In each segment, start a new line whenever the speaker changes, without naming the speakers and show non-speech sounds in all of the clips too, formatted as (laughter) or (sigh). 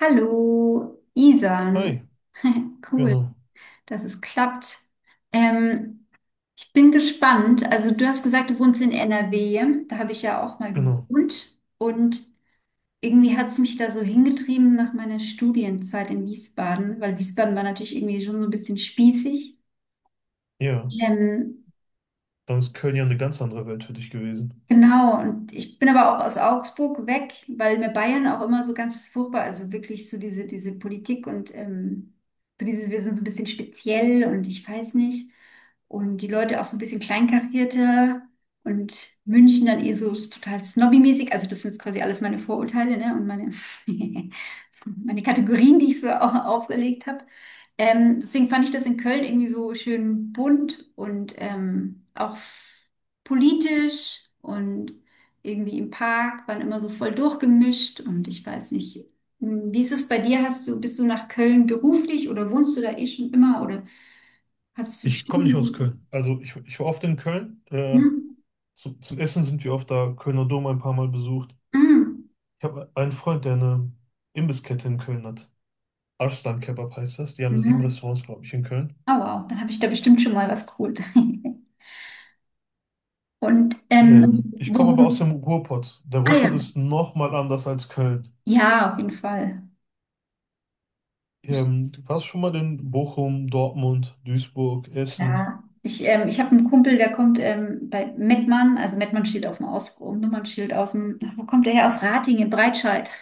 Hallo, Isan.
Hi,
Cool,
genau,
dass es klappt. Ähm, ich bin gespannt. Also du hast gesagt, du wohnst in NRW. Da habe ich ja auch mal
genau.
gewohnt. Und irgendwie hat es mich da so hingetrieben nach meiner Studienzeit in Wiesbaden, weil Wiesbaden war natürlich irgendwie schon so ein bisschen spießig.
Ja,
Ähm,
dann ist Köln ja eine ganz andere Welt für dich gewesen.
Genau, und ich bin aber auch aus Augsburg weg, weil mir Bayern auch immer so ganz furchtbar, also wirklich so diese Politik und so dieses, wir sind so ein bisschen speziell und ich weiß nicht. Und die Leute auch so ein bisschen kleinkarierter und München dann eh so total snobby-mäßig. Also das sind jetzt quasi alles meine Vorurteile, ne? Und meine. (laughs) Meine Kategorien, die ich so auch aufgelegt habe. Deswegen fand ich das in Köln irgendwie so schön bunt und auch politisch und irgendwie im Park waren immer so voll durchgemischt und ich weiß nicht, wie ist es bei dir? Bist du nach Köln beruflich oder wohnst du da eh schon immer oder hast du
Ich komme nicht aus
Stunden?
Köln. Also ich war oft in Köln.
Hm?
Zum Essen sind wir oft da, Kölner Dom ein paar Mal besucht.
Hm?
Ich habe einen Freund, der eine Imbisskette in Köln hat. Arslan Kebab heißt das. Die haben sieben
Hm?
Restaurants, glaube ich, in Köln.
Oh wow, dann habe ich da bestimmt schon mal was geholt. (laughs) Und
Ich komme
wo,
aber aus dem Ruhrpott. Der
ah ja,
Ruhrpott ist nochmal anders als Köln.
ja, auf jeden Fall. Ich,
Du warst schon mal in Bochum, Dortmund, Duisburg, Essen.
klar. Ich habe einen Kumpel, der kommt bei Mettmann, also Mettmann steht auf dem Aus Nummernschild aus dem, ach, wo kommt der her? Aus Ratingen in Breitscheid. (laughs)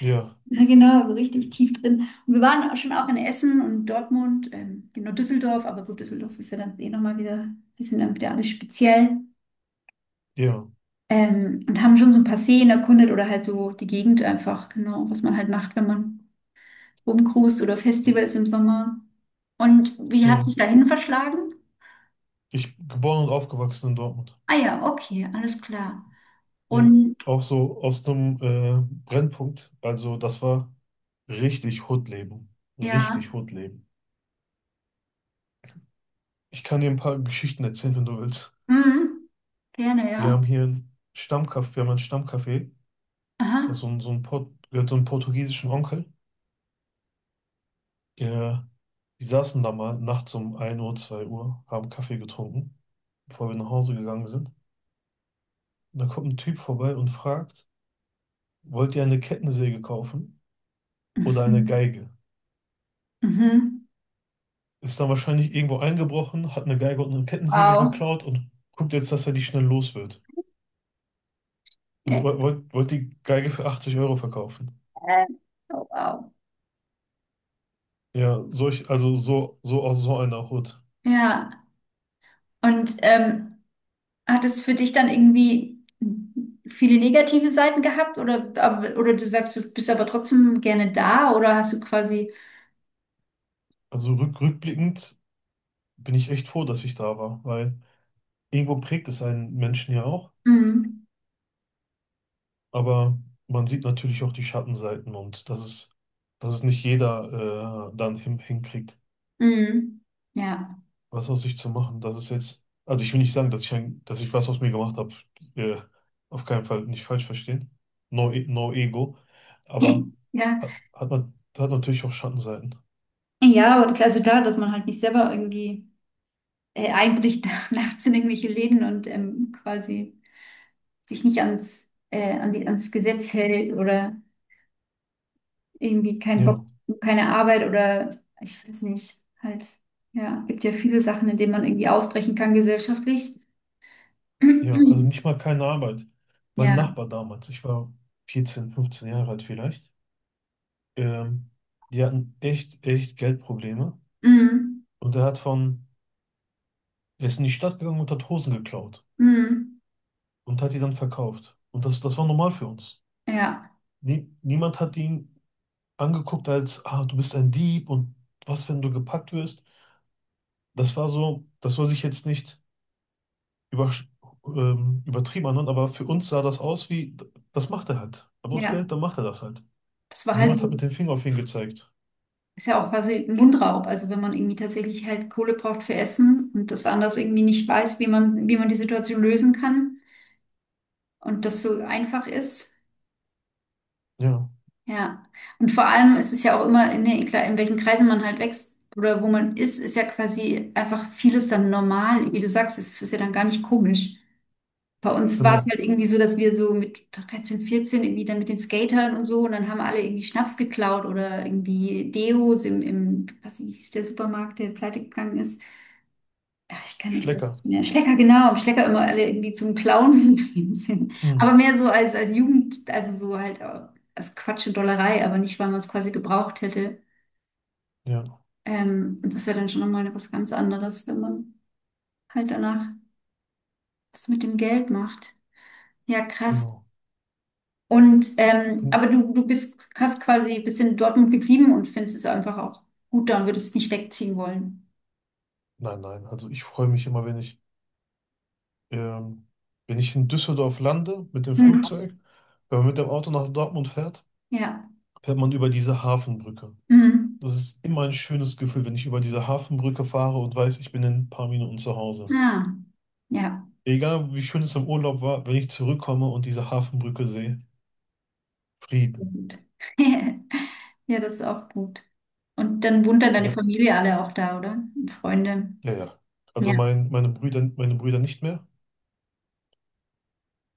Ja,
Ja, genau, so richtig tief drin. Und wir waren auch schon auch in Essen und Dortmund, genau Düsseldorf, aber gut, Düsseldorf ist ja dann eh nochmal wieder, die sind dann wieder alles speziell.
ja,
Und haben schon so ein paar Seen erkundet oder halt so die Gegend einfach, genau, was man halt macht, wenn man rumcruist oder Festivals im Sommer. Und wie hat sich
ja.
dahin verschlagen?
Ich geboren und aufgewachsen in Dortmund.
Ah ja, okay, alles klar.
Ja.
Und
Auch so aus einem Brennpunkt. Also das war richtig Hood-Leben.
ja,
Richtig Hood-Leben. Ich kann dir ein paar Geschichten erzählen, wenn du willst.
mhm, gerne,
Wir
ja.
haben hier einen Stammcafé, wir haben ein Stammcafé. Das ist so
Aha.
ein, gehört so einem portugiesischen Onkel. Ja, die saßen da mal nachts um 1 Uhr, 2 Uhr, haben Kaffee getrunken, bevor wir nach Hause gegangen sind. Und da kommt ein Typ vorbei und fragt, wollt ihr eine Kettensäge kaufen
(laughs)
oder eine
Mhm.
Geige?
Mhm.
Ist dann wahrscheinlich irgendwo eingebrochen, hat eine Geige und eine Kettensäge
Wow.
geklaut und guckt jetzt, dass er die schnell los wird.
Ja.
Wollt die Geige für 80 Euro verkaufen.
Oh, wow.
Ja, also so aus so einer Hut.
Ja, und hat es für dich dann irgendwie viele negative Seiten gehabt oder, oder du sagst, du bist aber trotzdem gerne da oder hast du quasi,
Also rückblickend bin ich echt froh, dass ich da war, weil irgendwo prägt es einen Menschen ja auch,
mhm,
aber man sieht natürlich auch die Schattenseiten und dass es nicht jeder dann hinkriegt,
mhm, ja.
was aus sich zu machen. Das ist jetzt, also ich will nicht sagen, dass ich was aus mir gemacht habe. Äh, auf keinen Fall nicht falsch verstehen. No, no ego. Aber
(laughs) Ja,
hat natürlich auch Schattenseiten.
ja, und also klar, dass man halt nicht selber irgendwie. Einbricht (laughs) nachts in irgendwelche Läden und quasi sich nicht ans, an die, ans Gesetz hält oder irgendwie keinen Bock,
Ja,
keine Arbeit oder ich weiß nicht, halt, ja, gibt ja viele Sachen, in denen man irgendwie ausbrechen kann gesellschaftlich.
ja, also nicht
(clears throat)
mal keine Arbeit. Mein
Ja,
Nachbar damals, ich war 14, 15 Jahre alt vielleicht, ähm, die hatten echt, echt Geldprobleme.
mm,
Und er ist in die Stadt gegangen und hat Hosen geklaut
mm,
und hat die dann verkauft. Und das war normal für uns.
ja,
Nie, niemand hat ihn angeguckt als, ah, du bist ein Dieb und was, wenn du gepackt wirst. Das war so, das soll sich jetzt nicht über, übertrieben anhören, aber für uns sah das aus wie, das macht er halt. Er braucht
ja,
Geld, dann macht er das halt.
das war halt
Niemand hat mit
so,
dem Finger auf ihn gezeigt.
ist ja auch quasi ein Mundraub, also wenn man irgendwie tatsächlich halt Kohle braucht für Essen und das anders irgendwie nicht weiß, wie man die Situation lösen kann und das so einfach ist.
Ja,
Ja, und vor allem ist es ja auch immer, in welchen Kreisen man halt wächst oder wo man ist, ist ja quasi einfach vieles dann normal. Wie du sagst, es ist ja dann gar nicht komisch. Bei uns war es
genau.
halt irgendwie so, dass wir so mit 13 14 irgendwie dann mit den Skatern und so und dann haben alle irgendwie Schnaps geklaut oder irgendwie Deos im was hieß der Supermarkt, der pleite gegangen ist. Ach, ich kann nicht
Schlecker.
mehr. Schlecker, genau. Im Schlecker immer alle irgendwie zum Clown (laughs) gegangen sind.
Hm.
Aber mehr so als, als Jugend, also so halt als Quatsch und Dollerei, aber nicht, weil man es quasi gebraucht hätte.
Ja,
Und das ist ja dann schon nochmal was ganz anderes, wenn man halt danach was mit dem Geld macht. Ja, krass.
genau.
Und
Hm.
aber du, hast quasi bist in Dortmund geblieben und findest es einfach auch gut da und würdest es nicht wegziehen wollen.
Nein, nein, also ich freue mich immer, ähm, wenn ich in Düsseldorf lande mit dem
Hm.
Flugzeug, wenn man mit dem Auto nach Dortmund fährt,
Ja.
fährt man über diese Hafenbrücke.
Hm.
Das ist immer ein schönes Gefühl, wenn ich über diese Hafenbrücke fahre und weiß, ich bin in ein paar Minuten zu Hause.
Ah. Ja.
Egal wie schön es im Urlaub war, wenn ich zurückkomme und diese Hafenbrücke sehe, Frieden.
Gut. (laughs) Ja, das ist auch gut. Und dann wohnt dann deine
Ja,
Familie alle auch da, oder? Und Freunde.
ja, ja. Also
Ja,
meine Brüder nicht mehr.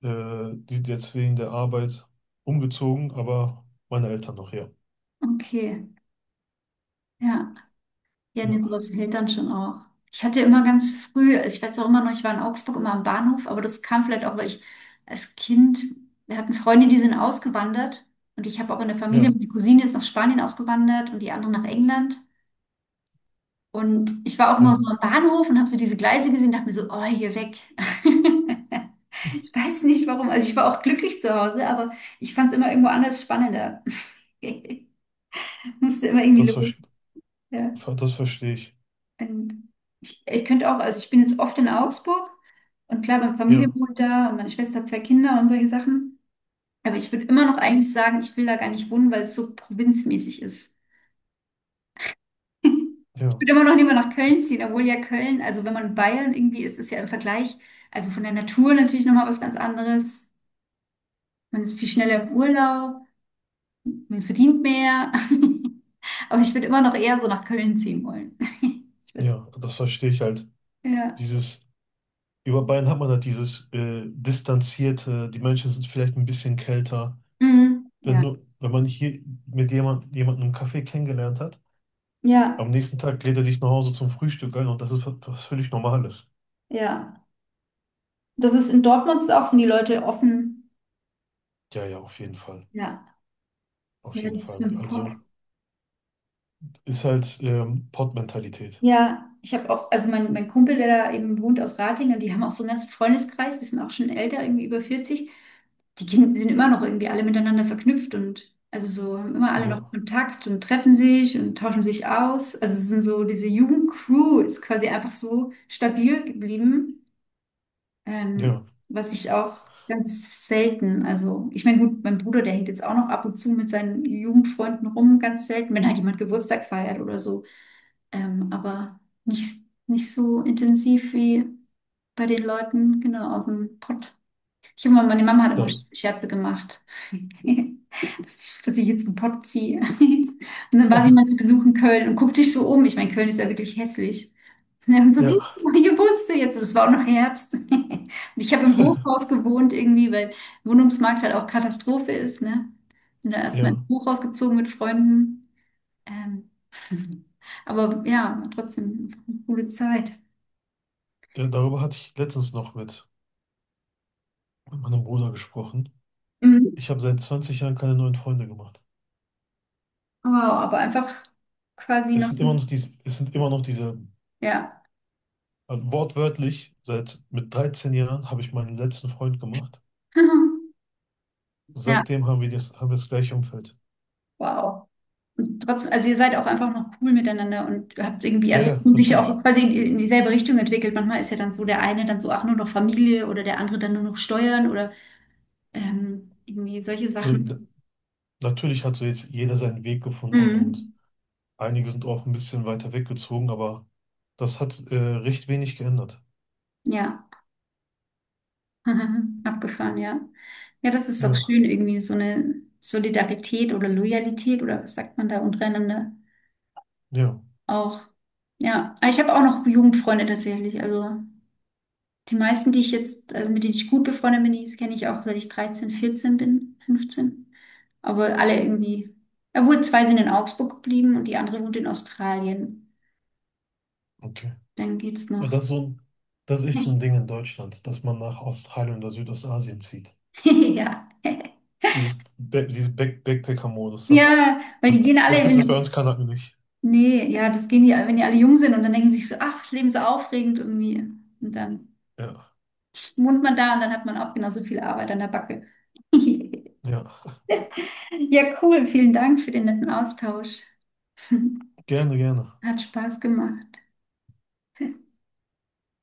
Die sind jetzt wegen der Arbeit umgezogen, aber meine Eltern noch, ja.
okay. Ja, ja, nee,
Ja,
sowas hält dann schon auch. Ich hatte immer ganz früh, also ich weiß auch immer noch, ich war in Augsburg immer am Bahnhof, aber das kam vielleicht auch, weil ich als Kind, wir hatten Freunde, die sind ausgewandert und ich habe auch in der Familie,
ja,
meine Cousine ist nach Spanien ausgewandert und die andere nach England. Und ich war auch immer so
ja.
am Bahnhof und habe so diese Gleise gesehen, dachte mir so, oh, hier weg. (laughs) (laughs) Weiß nicht warum. Also ich war auch glücklich zu Hause, aber ich fand es immer irgendwo anders spannender. (laughs) Musste immer irgendwie
Das,
los.
ver
Ja.
das verstehe ich.
Und ich könnte auch, also ich bin jetzt oft in Augsburg und klar, meine Familie
Ja,
wohnt da und meine Schwester hat zwei Kinder und solche Sachen. Aber ich würde immer noch eigentlich sagen, ich will da gar nicht wohnen, weil es so provinzmäßig ist.
ja,
Ich würde immer noch lieber nach Köln ziehen, obwohl ja Köln, also wenn man in Bayern irgendwie ist, ist ja im Vergleich, also von der Natur natürlich nochmal was ganz anderes. Man ist viel schneller im Urlaub. Man verdient mehr. (laughs) Aber ich würde immer noch eher so nach Köln ziehen wollen. (laughs) Ich weiß-
ja. Das verstehe ich halt.
Ja.
Dieses. Über Bayern hat man halt dieses Distanzierte, die Menschen sind vielleicht ein bisschen kälter.
Mhm.
Wenn
Ja.
du, wenn man hier mit jemandem im Café kennengelernt hat,
Ja,
am nächsten Tag lädt er dich nach Hause zum Frühstück ein und das ist was, was völlig Normales.
ja. Das ist in Dortmund ist auch, sind die Leute offen.
Ja, ja, auf jeden Fall.
Ja. Ja,
Auf jeden
das
Fall.
stimmt.
Also ist halt Pottmentalität.
Ja, ich habe auch, also mein Kumpel, der da eben wohnt aus Ratingen, die haben auch so einen ganzen Freundeskreis, die sind auch schon älter, irgendwie über 40, die Kinder sind immer noch irgendwie alle miteinander verknüpft und also so haben immer alle noch
Ja,
Kontakt und treffen sich und tauschen sich aus. Also es sind so, diese Jugendcrew ist quasi einfach so stabil geblieben, ähm,
ja,
was ich auch ganz selten, also ich meine, gut, mein Bruder, der hängt jetzt auch noch ab und zu mit seinen Jugendfreunden rum, ganz selten, wenn halt jemand Geburtstag feiert oder so aber nicht, nicht so intensiv wie bei den Leuten, genau, aus dem Pott. Ich habe immer, meine Mama hat immer
da,
Scherze gemacht, (laughs) dass ich jetzt einen Pott ziehe. (laughs) Und dann war sie mal zu Besuch in Köln und guckt sich so um. Ich meine, Köln ist ja wirklich hässlich. (laughs) Ja, und so, hey,
ja,
guck mal, hier wohnst du jetzt. Und es war auch noch Herbst. (laughs) Und ich habe im Hochhaus gewohnt irgendwie, weil Wohnungsmarkt halt auch Katastrophe ist, ne? Bin da erstmal ins
ja.
Hochhaus gezogen mit Freunden. Ähm, (laughs) aber ja, trotzdem einfach eine coole Zeit.
Ja, darüber hatte ich letztens noch mit meinem Bruder gesprochen.
Mhm.
Ich habe seit 20 Jahren keine neuen Freunde gemacht.
Wow, aber einfach quasi
Es
noch
sind immer
nie.
noch diese,
Ja.
Also wortwörtlich, seit mit 13 Jahren habe ich meinen letzten Freund gemacht.
(laughs) Ja,
Seitdem haben wir das gleiche Umfeld.
wow. Und trotzdem, also ihr seid auch einfach noch cool miteinander und habt irgendwie,
Ja,
also
ja,
und sich ja auch
natürlich.
quasi in dieselbe Richtung entwickelt. Manchmal ist ja dann so der eine dann so, ach, nur noch Familie oder der andere dann nur noch Steuern oder irgendwie solche
Also, ja,
Sachen.
natürlich hat so jetzt jeder seinen Weg gefunden und
Mhm.
einige sind auch ein bisschen weiter weggezogen, aber das hat recht wenig geändert.
Ja. (laughs) Aha, abgefahren, ja. Ja, das ist doch
Ja,
schön, irgendwie so eine Solidarität oder Loyalität oder was sagt man da untereinander
ja,
auch. Ja, aber ich habe auch noch Jugendfreunde tatsächlich. Also die meisten, die ich jetzt, also mit denen ich gut befreundet bin, die kenne ich auch seit ich 13, 14 bin, 15. Aber alle irgendwie, obwohl zwei sind in Augsburg geblieben und die andere wohnt in Australien.
okay.
Dann geht's
Aber
noch.
das ist echt so ein
(laughs)
Ding in Deutschland, dass man nach Australien oder Südostasien zieht.
Ja.
Dieses, dieses Backpacker-Modus, das,
Ja, weil die
das,
gehen alle
das gibt es bei
in
uns Kanaken nicht.
Nee, ja, das gehen die, wenn die alle jung sind und dann denken sie sich so, ach, das Leben ist so aufregend irgendwie. Und dann
Ja,
wohnt man da und dann hat man auch genauso viel Arbeit an der Backe. (laughs)
ja.
Ja, cool. Vielen Dank für den netten Austausch. (laughs)
Gerne, gerne.
Hat Spaß gemacht.